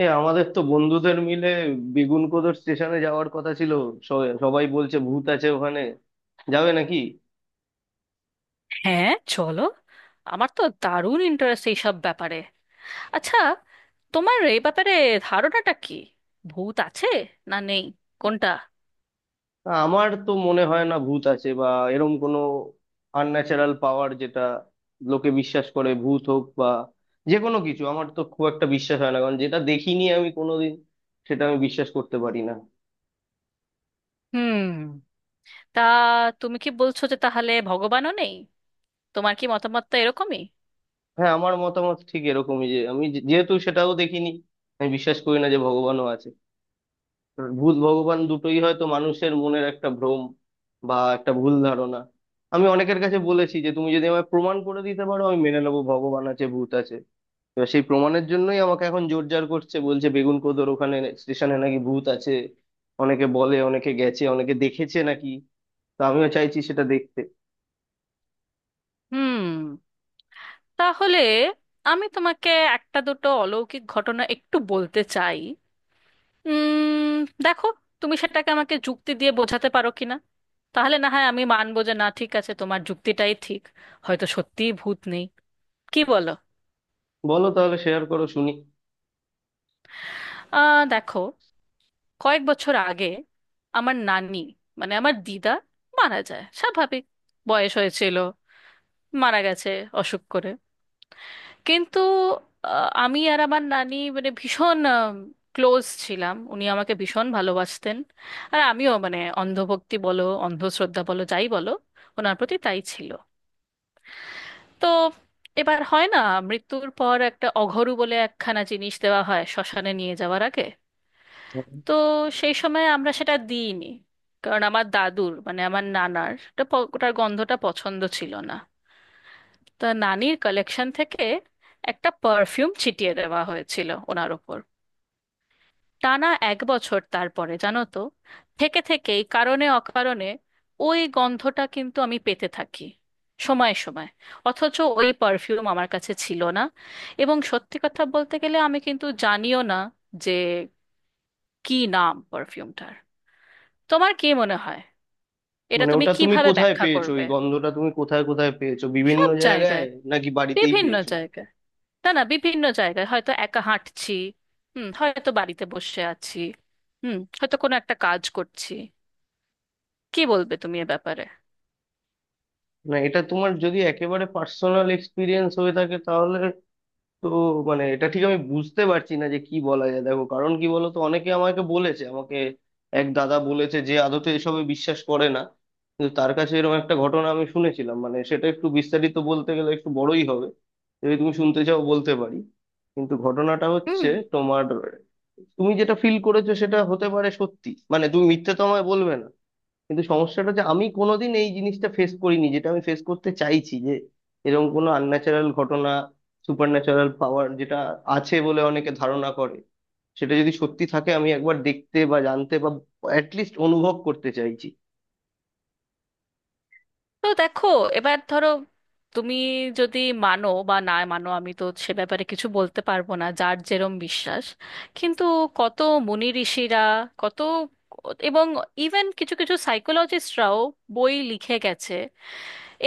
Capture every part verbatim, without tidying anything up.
এ আমাদের তো বন্ধুদের মিলে বেগুনকোদর স্টেশনে যাওয়ার কথা ছিল। স- সবাই বলছে ভূত আছে ওখানে, যাবে নাকি? হ্যাঁ, চলো। আমার তো দারুণ ইন্টারেস্ট এইসব ব্যাপারে। আচ্ছা, তোমার এই ব্যাপারে ধারণাটা কি? ভূত আছে না নেই? কোনটা? না, আমার তো মনে হয় না ভূত আছে বা এরম কোনো আনন্যাচারাল পাওয়ার, যেটা লোকে বিশ্বাস করে, ভূত হোক বা যে কোনো কিছু, আমার তো খুব একটা বিশ্বাস হয় না, কারণ যেটা দেখিনি আমি কোনোদিন, সেটা আমি বিশ্বাস করতে পারি না। হুম। তা তুমি কি বলছো যে তাহলে ভগবানও নেই? তোমার কি মতামতটা এরকমই? হ্যাঁ, আমার মতামত ঠিক এরকমই যে আমি যে- যেহেতু সেটাও দেখিনি, আমি বিশ্বাস করি না যে ভগবানও আছে। ভূত ভগবান দুটোই হয়তো মানুষের মনের একটা ভ্রম বা একটা ভুল ধারণা। আমি অনেকের কাছে বলেছি যে তুমি যদি আমায় প্রমাণ করে দিতে পারো, আমি মেনে নেবো ভগবান আছে, ভূত আছে। এবার সেই প্রমাণের জন্যই আমাকে এখন জোরজার করছে, বলছে বেগুন কোদোর ওখানে স্টেশনে নাকি ভূত আছে, অনেকে বলে, অনেকে গেছে, অনেকে দেখেছে নাকি। তো আমিও চাইছি সেটা দেখতে। হুম। তাহলে আমি তোমাকে একটা দুটো অলৌকিক ঘটনা একটু বলতে চাই। উম দেখো, তুমি সেটাকে আমাকে যুক্তি দিয়ে বোঝাতে পারো কিনা। তাহলে না হয় আমি মানবো যে না, ঠিক আছে, তোমার যুক্তিটাই ঠিক, হয়তো সত্যিই ভূত নেই। কি বলো? বলো তাহলে, শেয়ার করো শুনি। আহ দেখো, কয়েক বছর আগে আমার নানি মানে আমার দিদা মারা যায়। স্বাভাবিক, বয়স হয়েছিল, মারা গেছে অসুখ করে। কিন্তু আহ, আমি আর আমার নানি মানে ভীষণ ক্লোজ ছিলাম, উনি আমাকে ভীষণ ভালোবাসতেন। আর আমিও মানে অন্ধভক্তি বলো অন্ধশ্রদ্ধা বলো যাই বলো, ওনার প্রতি তাই ছিল। তো এবার হয় না, মৃত্যুর পর একটা অঘরু বলে একখানা জিনিস দেওয়া হয় শ্মশানে নিয়ে যাওয়ার আগে। হুম। তো সেই সময় আমরা সেটা দিইনি কারণ আমার দাদুর মানে আমার নানার ওটা প- ওটার গন্ধটা পছন্দ ছিল না। তা নানির কালেকশন থেকে একটা পারফিউম ছিটিয়ে দেওয়া হয়েছিল ওনার ওপর। টানা এক বছর, তারপরে জানো তো, থেকে থেকেই কারণে অকারণে ওই গন্ধটা কিন্তু আমি পেতে থাকি সময়ে সময়ে। অথচ ওই পারফিউম আমার কাছে ছিল না। এবং সত্যি কথা বলতে গেলে আমি কিন্তু জানিও না যে কি নাম পারফিউমটার। তোমার কি মনে হয়? এটা মানে তুমি ওটা তুমি কিভাবে কোথায় ব্যাখ্যা পেয়েছো? করবে? ওই গন্ধটা তুমি কোথায় কোথায় পেয়েছো, বিভিন্ন সব জায়গায় জায়গায়। নাকি বাড়িতেই বিভিন্ন পেয়েছো? জায়গায়। না, না, বিভিন্ন জায়গায়, হয়তো একা হাঁটছি, হুম, হয়তো বাড়িতে বসে আছি, হুম, হয়তো কোনো একটা কাজ করছি। কি বলবে তুমি এ ব্যাপারে? না, এটা তোমার যদি একেবারে পার্সোনাল এক্সপিরিয়েন্স হয়ে থাকে, তাহলে তো মানে এটা ঠিক আমি বুঝতে পারছি না যে কি বলা যায়। দেখো, কারণ কি বলতো, অনেকে আমাকে বলেছে, আমাকে এক দাদা বলেছে যে আদতে এসবে বিশ্বাস করে না, কিন্তু তার কাছে এরকম একটা ঘটনা আমি শুনেছিলাম। মানে সেটা একটু বিস্তারিত বলতে গেলে একটু বড়ই হবে, যদি তুমি শুনতে চাও বলতে পারি। কিন্তু ঘটনাটা হুম। হচ্ছে তোমার, তুমি যেটা ফিল করেছো সেটা হতে পারে সত্যি, মানে তুমি মিথ্যে তো আমায় বলবে না। কিন্তু সমস্যাটা যে আমি কোনোদিন এই জিনিসটা ফেস করিনি, যেটা আমি ফেস করতে চাইছি, যে এরকম কোনো আনন্যাচারাল ঘটনা, সুপার ন্যাচারাল পাওয়ার যেটা আছে বলে অনেকে ধারণা করে, সেটা যদি সত্যি থাকে, আমি একবার দেখতে বা জানতে বা অ্যাটলিস্ট অনুভব করতে চাইছি। তো দেখো, এবার ধরো, তুমি যদি মানো বা না মানো আমি তো সে ব্যাপারে কিছু বলতে পারবো না, যার যেরম বিশ্বাস। কিন্তু কত মুনি ঋষিরা, কত, এবং ইভেন কিছু কিছু সাইকোলজিস্টরাও বই লিখে গেছে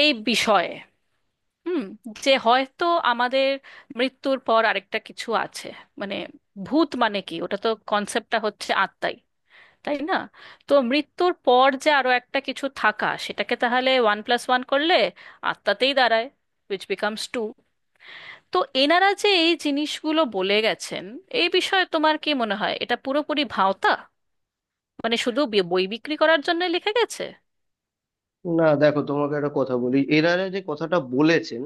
এই বিষয়ে। হুম। যে হয়তো আমাদের মৃত্যুর পর আরেকটা কিছু আছে। মানে ভূত মানে কি, ওটা তো কনসেপ্টটা হচ্ছে আত্মাই, তাই না? তো মৃত্যুর পর যে আরো একটা কিছু থাকা, সেটাকে তাহলে ওয়ান প্লাস ওয়ান করলে আত্মাতেই দাঁড়ায়, উইচ বিকামস টু। তো এনারা যে এই জিনিসগুলো বলে গেছেন এই বিষয়ে তোমার কি মনে হয়? এটা পুরোপুরি ভাওতা? মানে শুধু বি- বই বিক্রি করার জন্য লিখে গেছে? না দেখো, তোমাকে একটা কথা বলি, এনারা যে কথাটা বলেছেন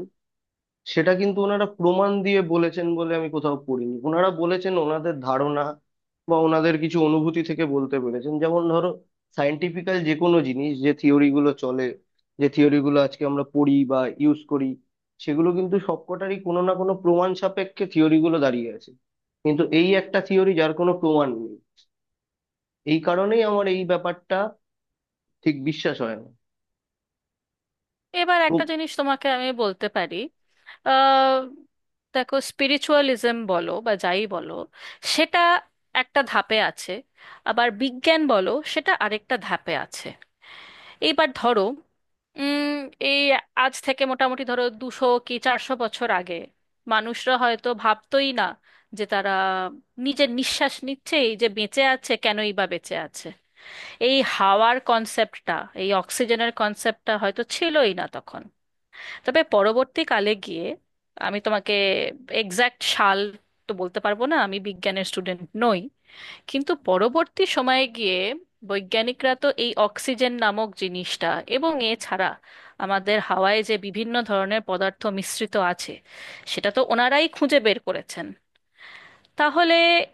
সেটা কিন্তু ওনারা প্রমাণ দিয়ে বলেছেন বলে আমি কোথাও পড়িনি। ওনারা বলেছেন ওনাদের ধারণা বা ওনাদের কিছু অনুভূতি থেকে বলতে পেরেছেন। যেমন ধরো, সায়েন্টিফিক্যাল যে কোনো জিনিস, যে থিওরি গুলো চলে, যে থিওরি গুলো আজকে আমরা পড়ি বা ইউজ করি, সেগুলো কিন্তু সবকটারই কোনো না কোনো প্রমাণ সাপেক্ষে থিওরি গুলো দাঁড়িয়ে আছে। কিন্তু এই একটা থিওরি যার কোনো প্রমাণ নেই, এই কারণেই আমার এই ব্যাপারটা ঠিক বিশ্বাস হয় না। এবার একটা জিনিস তোমাকে আমি বলতে পারি। আহ, দেখো, স্পিরিচুয়ালিজম বলো বা যাই বলো সেটা একটা ধাপে আছে, আবার বিজ্ঞান বলো সেটা আরেকটা ধাপে আছে। এইবার ধরো, উম এই আজ থেকে মোটামুটি ধরো দুশো কি চারশো বছর আগে মানুষরা হয়তো ভাবতোই না যে তারা নিজের নিঃশ্বাস নিচ্ছে। এই যে বেঁচে আছে, কেনই বা বেঁচে আছে, এই হাওয়ার কনসেপ্টটা, এই অক্সিজেনের কনসেপ্টটা হয়তো ছিলই না তখন। তবে পরবর্তীকালে গিয়ে, আমি তোমাকে এক্স্যাক্ট সাল তো বলতে পারবো না, আমি বিজ্ঞানের স্টুডেন্ট নই, কিন্তু পরবর্তী সময়ে গিয়ে বৈজ্ঞানিকরা তো এই অক্সিজেন নামক জিনিসটা এবং এছাড়া আমাদের হাওয়ায় যে বিভিন্ন ধরনের পদার্থ মিশ্রিত আছে, সেটা তো ওনারাই খুঁজে বের করেছেন। তাহলে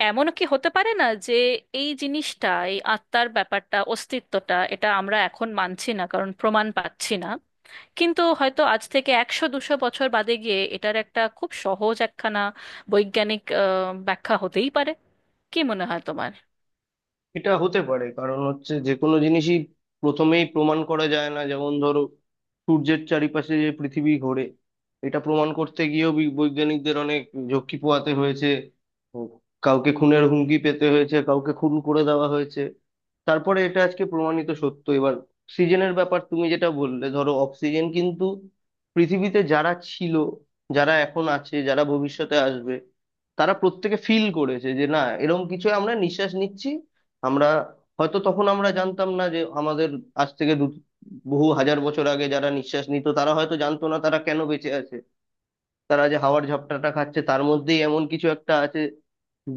এমন কি হতে পারে না যে এই জিনিসটা, এই আত্মার ব্যাপারটা, অস্তিত্বটা, এটা আমরা এখন মানছি না কারণ প্রমাণ পাচ্ছি না, কিন্তু হয়তো আজ থেকে একশো দুশো বছর বাদে গিয়ে এটার একটা খুব সহজ একখানা বৈজ্ঞানিক আহ, ব্যাখ্যা হতেই পারে। কি মনে হয় তোমার? এটা হতে পারে, কারণ হচ্ছে যে কোনো জিনিসই প্রথমেই প্রমাণ করা যায় না। যেমন ধরো, সূর্যের চারিপাশে যে পৃথিবী ঘোরে, এটা প্রমাণ করতে গিয়েও বি- বৈজ্ঞানিকদের অনেক ঝক্কি পোহাতে হয়েছে। ও, কাউকে খুনের হুমকি পেতে হয়েছে, কাউকে খুন করে দেওয়া হয়েছে, তারপরে এটা আজকে প্রমাণিত সত্য। এবার অক্সিজেনের ব্যাপার তুমি যেটা বললে, ধরো অক্সিজেন কিন্তু পৃথিবীতে যারা ছিল, যারা এখন আছে, যারা ভবিষ্যতে আসবে, তারা প্রত্যেকে ফিল করেছে যে না, এরকম কিছু আমরা নিঃশ্বাস নিচ্ছি। আমরা হয়তো তখন আমরা জানতাম না যে আমাদের আজ থেকে দু বহু হাজার বছর আগে যারা নিঃশ্বাস নিত তারা হয়তো জানতো না তারা কেন বেঁচে আছে, তারা যে হাওয়ার ঝাপটাটা খাচ্ছে তার মধ্যেই এমন কিছু একটা আছে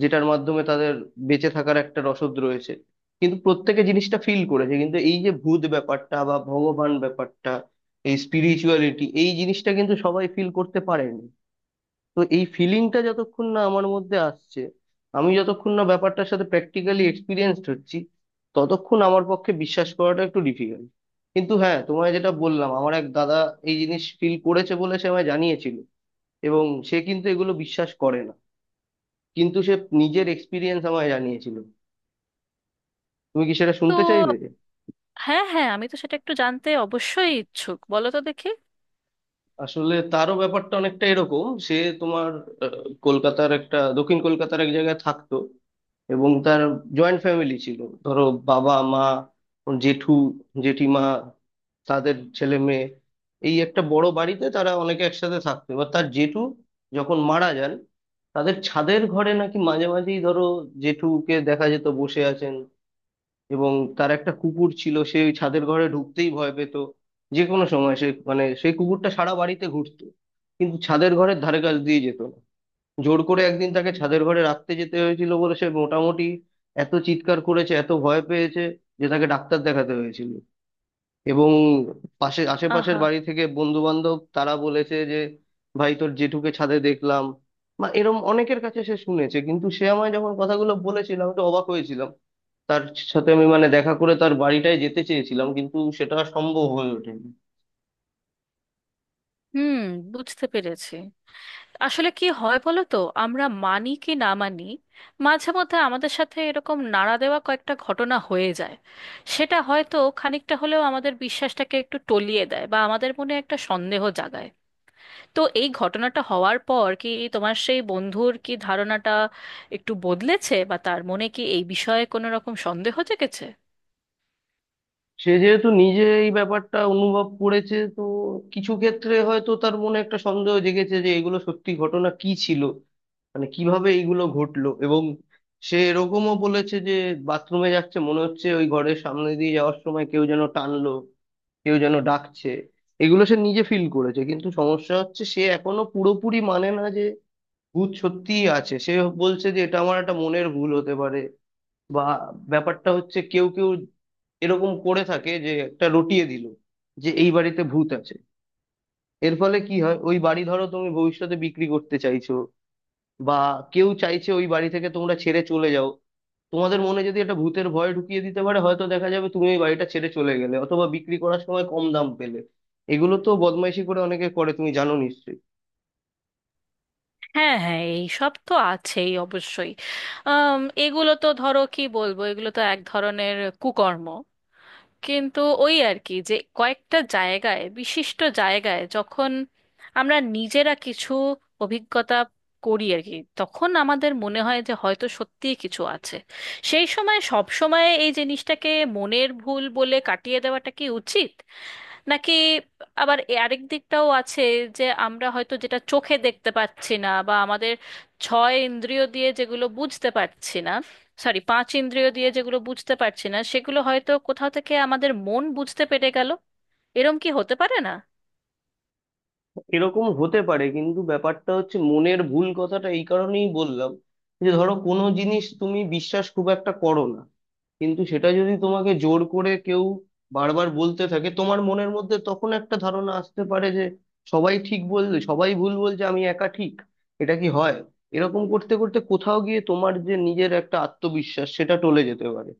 যেটার মাধ্যমে তাদের বেঁচে থাকার একটা রসদ রয়েছে। কিন্তু প্রত্যেকে জিনিসটা ফিল করেছে। কিন্তু এই যে ভূত ব্যাপারটা বা ভগবান ব্যাপারটা, এই স্পিরিচুয়ালিটি, এই জিনিসটা কিন্তু সবাই ফিল করতে পারেনি। তো এই ফিলিংটা যতক্ষণ না আমার মধ্যে আসছে, আমি যতক্ষণ না ব্যাপারটার সাথে প্র্যাকটিক্যালি এক্সপিরিয়েন্সড হচ্ছি, ততক্ষণ আমার পক্ষে বিশ্বাস করাটা একটু ডিফিকাল্ট। কিন্তু হ্যাঁ, তোমায় যেটা বললাম, আমার এক দাদা এই জিনিস ফিল করেছে বলে সে আমায় জানিয়েছিল, এবং সে কিন্তু এগুলো বিশ্বাস করে না, কিন্তু সে নিজের এক্সপিরিয়েন্স আমায় জানিয়েছিল। তুমি কি সেটা তো শুনতে চাইবে? হ্যাঁ, হ্যাঁ, আমি তো সেটা একটু জানতে অবশ্যই ইচ্ছুক, বলো তো দেখি। আসলে তারও ব্যাপারটা অনেকটা এরকম, সে তোমার আহ, কলকাতার একটা দক্ষিণ কলকাতার এক জায়গায় থাকতো, এবং তার জয়েন্ট ফ্যামিলি ছিল। ধরো বাবা মা, জেঠু, জেঠিমা, তাদের ছেলে মেয়ে, এই একটা বড় বাড়িতে তারা অনেকে একসাথে থাকতো। এবার তার জেঠু যখন মারা যান, তাদের ছাদের ঘরে নাকি মাঝে মাঝেই ধরো জেঠুকে দেখা যেত বসে আছেন, এবং তার একটা কুকুর ছিল, সে ওই ছাদের ঘরে ঢুকতেই ভয় পেত। যে কোনো সময় সে মানে সেই কুকুরটা সারা বাড়িতে ঘুরতো, কিন্তু ছাদের ঘরের ধারে কাছ দিয়ে যেত না। জোর করে একদিন তাকে ছাদের ঘরে রাখতে যেতে হয়েছিল বলে সে মোটামুটি এত চিৎকার করেছে, এত ভয় পেয়েছে যে তাকে ডাক্তার দেখাতে হয়েছিল। এবং পাশে আশেপাশের আহা। বাড়ি থেকে বন্ধু বান্ধব তারা বলেছে যে ভাই তোর জেঠুকে ছাদে দেখলাম, বা এরম অনেকের কাছে সে শুনেছে। কিন্তু সে আমায় যখন কথাগুলো বলেছিল আমি তো অবাক হয়েছিলাম। তার সাথে আমি মানে দেখা করে তার বাড়িটায় যেতে চেয়েছিলাম, কিন্তু সেটা সম্ভব হয়ে ওঠেনি। হুম। বুঝতে পেরেছি। আসলে কি হয় বলো তো, আমরা মানি কি না মানি, মাঝে মধ্যে আমাদের সাথে এরকম নাড়া দেওয়া কয়েকটা ঘটনা হয়ে যায়। সেটা হয়তো খানিকটা হলেও আমাদের বিশ্বাসটাকে একটু টলিয়ে দেয় বা আমাদের মনে একটা সন্দেহ জাগায়। তো এই ঘটনাটা হওয়ার পর কি তোমার সেই বন্ধুর কি ধারণাটা একটু বদলেছে, বা তার মনে কি এই বিষয়ে কোনো রকম সন্দেহ জেগেছে? সে যেহেতু নিজে এই ব্যাপারটা অনুভব করেছে তো কিছু ক্ষেত্রে হয়তো তার মনে একটা সন্দেহ জেগেছে যে এগুলো সত্যি ঘটনা কি ছিল, মানে কিভাবে এগুলো ঘটলো। এবং সে এরকমও বলেছে যে বাথরুমে যাচ্ছে, মনে হচ্ছে ওই ঘরের সামনে দিয়ে যাওয়ার সময় কেউ যেন টানলো, কেউ যেন ডাকছে। এগুলো সে নিজে ফিল করেছে, কিন্তু সমস্যা হচ্ছে সে এখনো পুরোপুরি মানে না যে ভূত সত্যিই আছে। সে বলছে যে এটা আমার একটা মনের ভুল হতে পারে, বা ব্যাপারটা হচ্ছে কেউ কেউ এরকম করে থাকে যে একটা রটিয়ে দিল যে এই বাড়িতে ভূত আছে। এর ফলে কি হয়, ওই বাড়ি ধরো তুমি ভবিষ্যতে বিক্রি করতে চাইছো, বা কেউ চাইছে ওই বাড়ি থেকে তোমরা ছেড়ে চলে যাও, তোমাদের মনে যদি একটা ভূতের ভয় ঢুকিয়ে দিতে পারে, হয়তো দেখা যাবে তুমি ওই বাড়িটা ছেড়ে চলে গেলে অথবা বিক্রি করার সময় কম দাম পেলে। এগুলো তো বদমাইশি করে অনেকে করে, তুমি জানো নিশ্চয়ই। হ্যাঁ, হ্যাঁ, এই সব তো আছেই অবশ্যই। আম, এগুলো তো ধরো কি বলবো, এগুলো তো এক ধরনের কুকর্ম। কিন্তু ওই আর কি, যে কয়েকটা জায়গায়, বিশিষ্ট জায়গায়, যখন আমরা নিজেরা কিছু অভিজ্ঞতা করি আর কি, তখন আমাদের মনে হয় যে হয়তো সত্যিই কিছু আছে। সেই সময় সব সময় এই জিনিসটাকে মনের ভুল বলে কাটিয়ে দেওয়াটা কি উচিত? নাকি আবার এ- আরেক দিকটাও আছে যে আমরা হয়তো যেটা চোখে দেখতে পাচ্ছি না বা আমাদের ছয় ইন্দ্রিয় দিয়ে যেগুলো বুঝতে পারছি না, সরি, পাঁচ ইন্দ্রিয় দিয়ে যেগুলো বুঝতে পারছি না, সেগুলো হয়তো কোথাও থেকে আমাদের মন বুঝতে পেরে গেল, এরম কি হতে পারে না? এরকম হতে পারে, কিন্তু ব্যাপারটা হচ্ছে মনের ভুল কথাটা এই কারণেই বললাম, যে ধরো কোনো জিনিস তুমি বিশ্বাস খুব একটা করো না, কিন্তু সেটা যদি তোমাকে জোর করে কেউ বারবার বলতে থাকে, তোমার মনের মধ্যে তখন একটা ধারণা আসতে পারে যে সবাই ঠিক বললে, সবাই ভুল বলছে আমি একা ঠিক, এটা কি হয়? এরকম করতে করতে কোথাও গিয়ে তোমার যে নিজের একটা আত্মবিশ্বাস সেটা টলে যেতে পারে।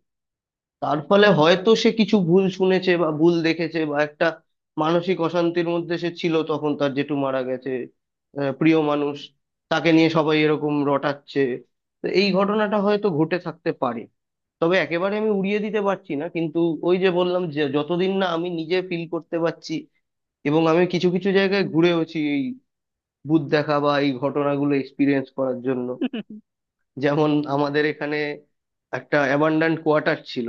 তার ফলে হয়তো সে কিছু ভুল শুনেছে বা ভুল দেখেছে, বা একটা মানসিক অশান্তির মধ্যে সে ছিল, তখন তার জেঠু মারা গেছে, আহ, প্রিয় মানুষ, তাকে নিয়ে সবাই এরকম রটাচ্ছে, তো এই ঘটনাটা হয়তো ঘটে থাকতে পারে। তবে একেবারে আমি উড়িয়ে দিতে পারছি না, কিন্তু ওই যে বললাম যে যতদিন না আমি নিজে ফিল করতে পারছি। এবং আমি কিছু কিছু জায়গায় ঘুরেওছি এই ভূত দেখা বা এই ঘটনাগুলো এক্সপিরিয়েন্স করার জন্য। যেমন আমাদের এখানে একটা অ্যাবান্ডান্ট কোয়ার্টার ছিল,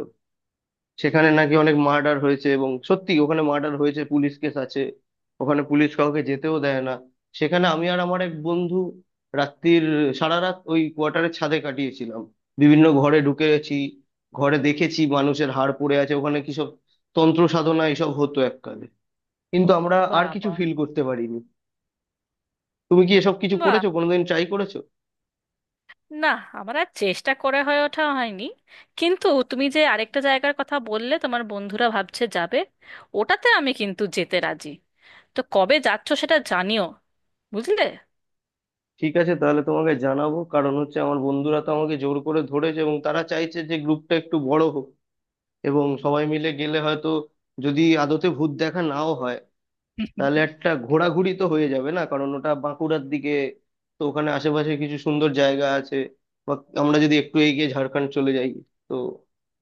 সেখানে নাকি অনেক মার্ডার হয়েছে, এবং সত্যি ওখানে মার্ডার হয়েছে, পুলিশ কেস আছে, ওখানে পুলিশ কাউকে যেতেও দেয় না। সেখানে আমি আর আমার এক বন্ধু রাত্রির সারা রাত ওই কোয়ার্টারের ছাদে কাটিয়েছিলাম, বিভিন্ন ঘরে ঢুকেছি, ঘরে দেখেছি মানুষের হাড় পড়ে আছে, ওখানে কি সব তন্ত্র সাধনা এসব হতো এককালে। কিন্তু আমরা আর কিছু বাবা। ফিল করতে পারিনি। তুমি কি এসব কিছু বাহ। করেছো, কোনোদিন ট্রাই করেছো? না, আমার আর চেষ্টা করে হয়ে ওঠা হয়নি। কিন্তু তুমি যে আরেকটা জায়গার কথা বললে, তোমার বন্ধুরা ভাবছে যাবে, ওটাতে আমি কিন্তু যেতে রাজি। তো কবে যাচ্ছ সেটা জানিও, বুঝলে? ঠিক আছে, তাহলে তোমাকে জানাবো, কারণ হচ্ছে আমার বন্ধুরা তো আমাকে জোর করে ধরেছে, এবং তারা চাইছে যে গ্রুপটা একটু বড় হোক, এবং সবাই মিলে গেলে হয়তো, যদি আদতে ভূত দেখা নাও হয়, তাহলে একটা ঘোরাঘুরি তো হয়ে যাবে না, কারণ ওটা বাঁকুড়ার দিকে, তো ওখানে আশেপাশে কিছু সুন্দর জায়গা আছে, বা আমরা যদি একটু এগিয়ে ঝাড়খণ্ড চলে যাই, তো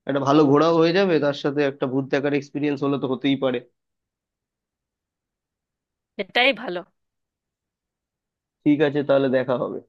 একটা ভালো ঘোরাও হয়ে যাবে, তার সাথে একটা ভূত দেখার এক্সপিরিয়েন্স হলে তো হতেই পারে। এটাই ভালো। ঠিক আছে, তাহলে দেখা হবে।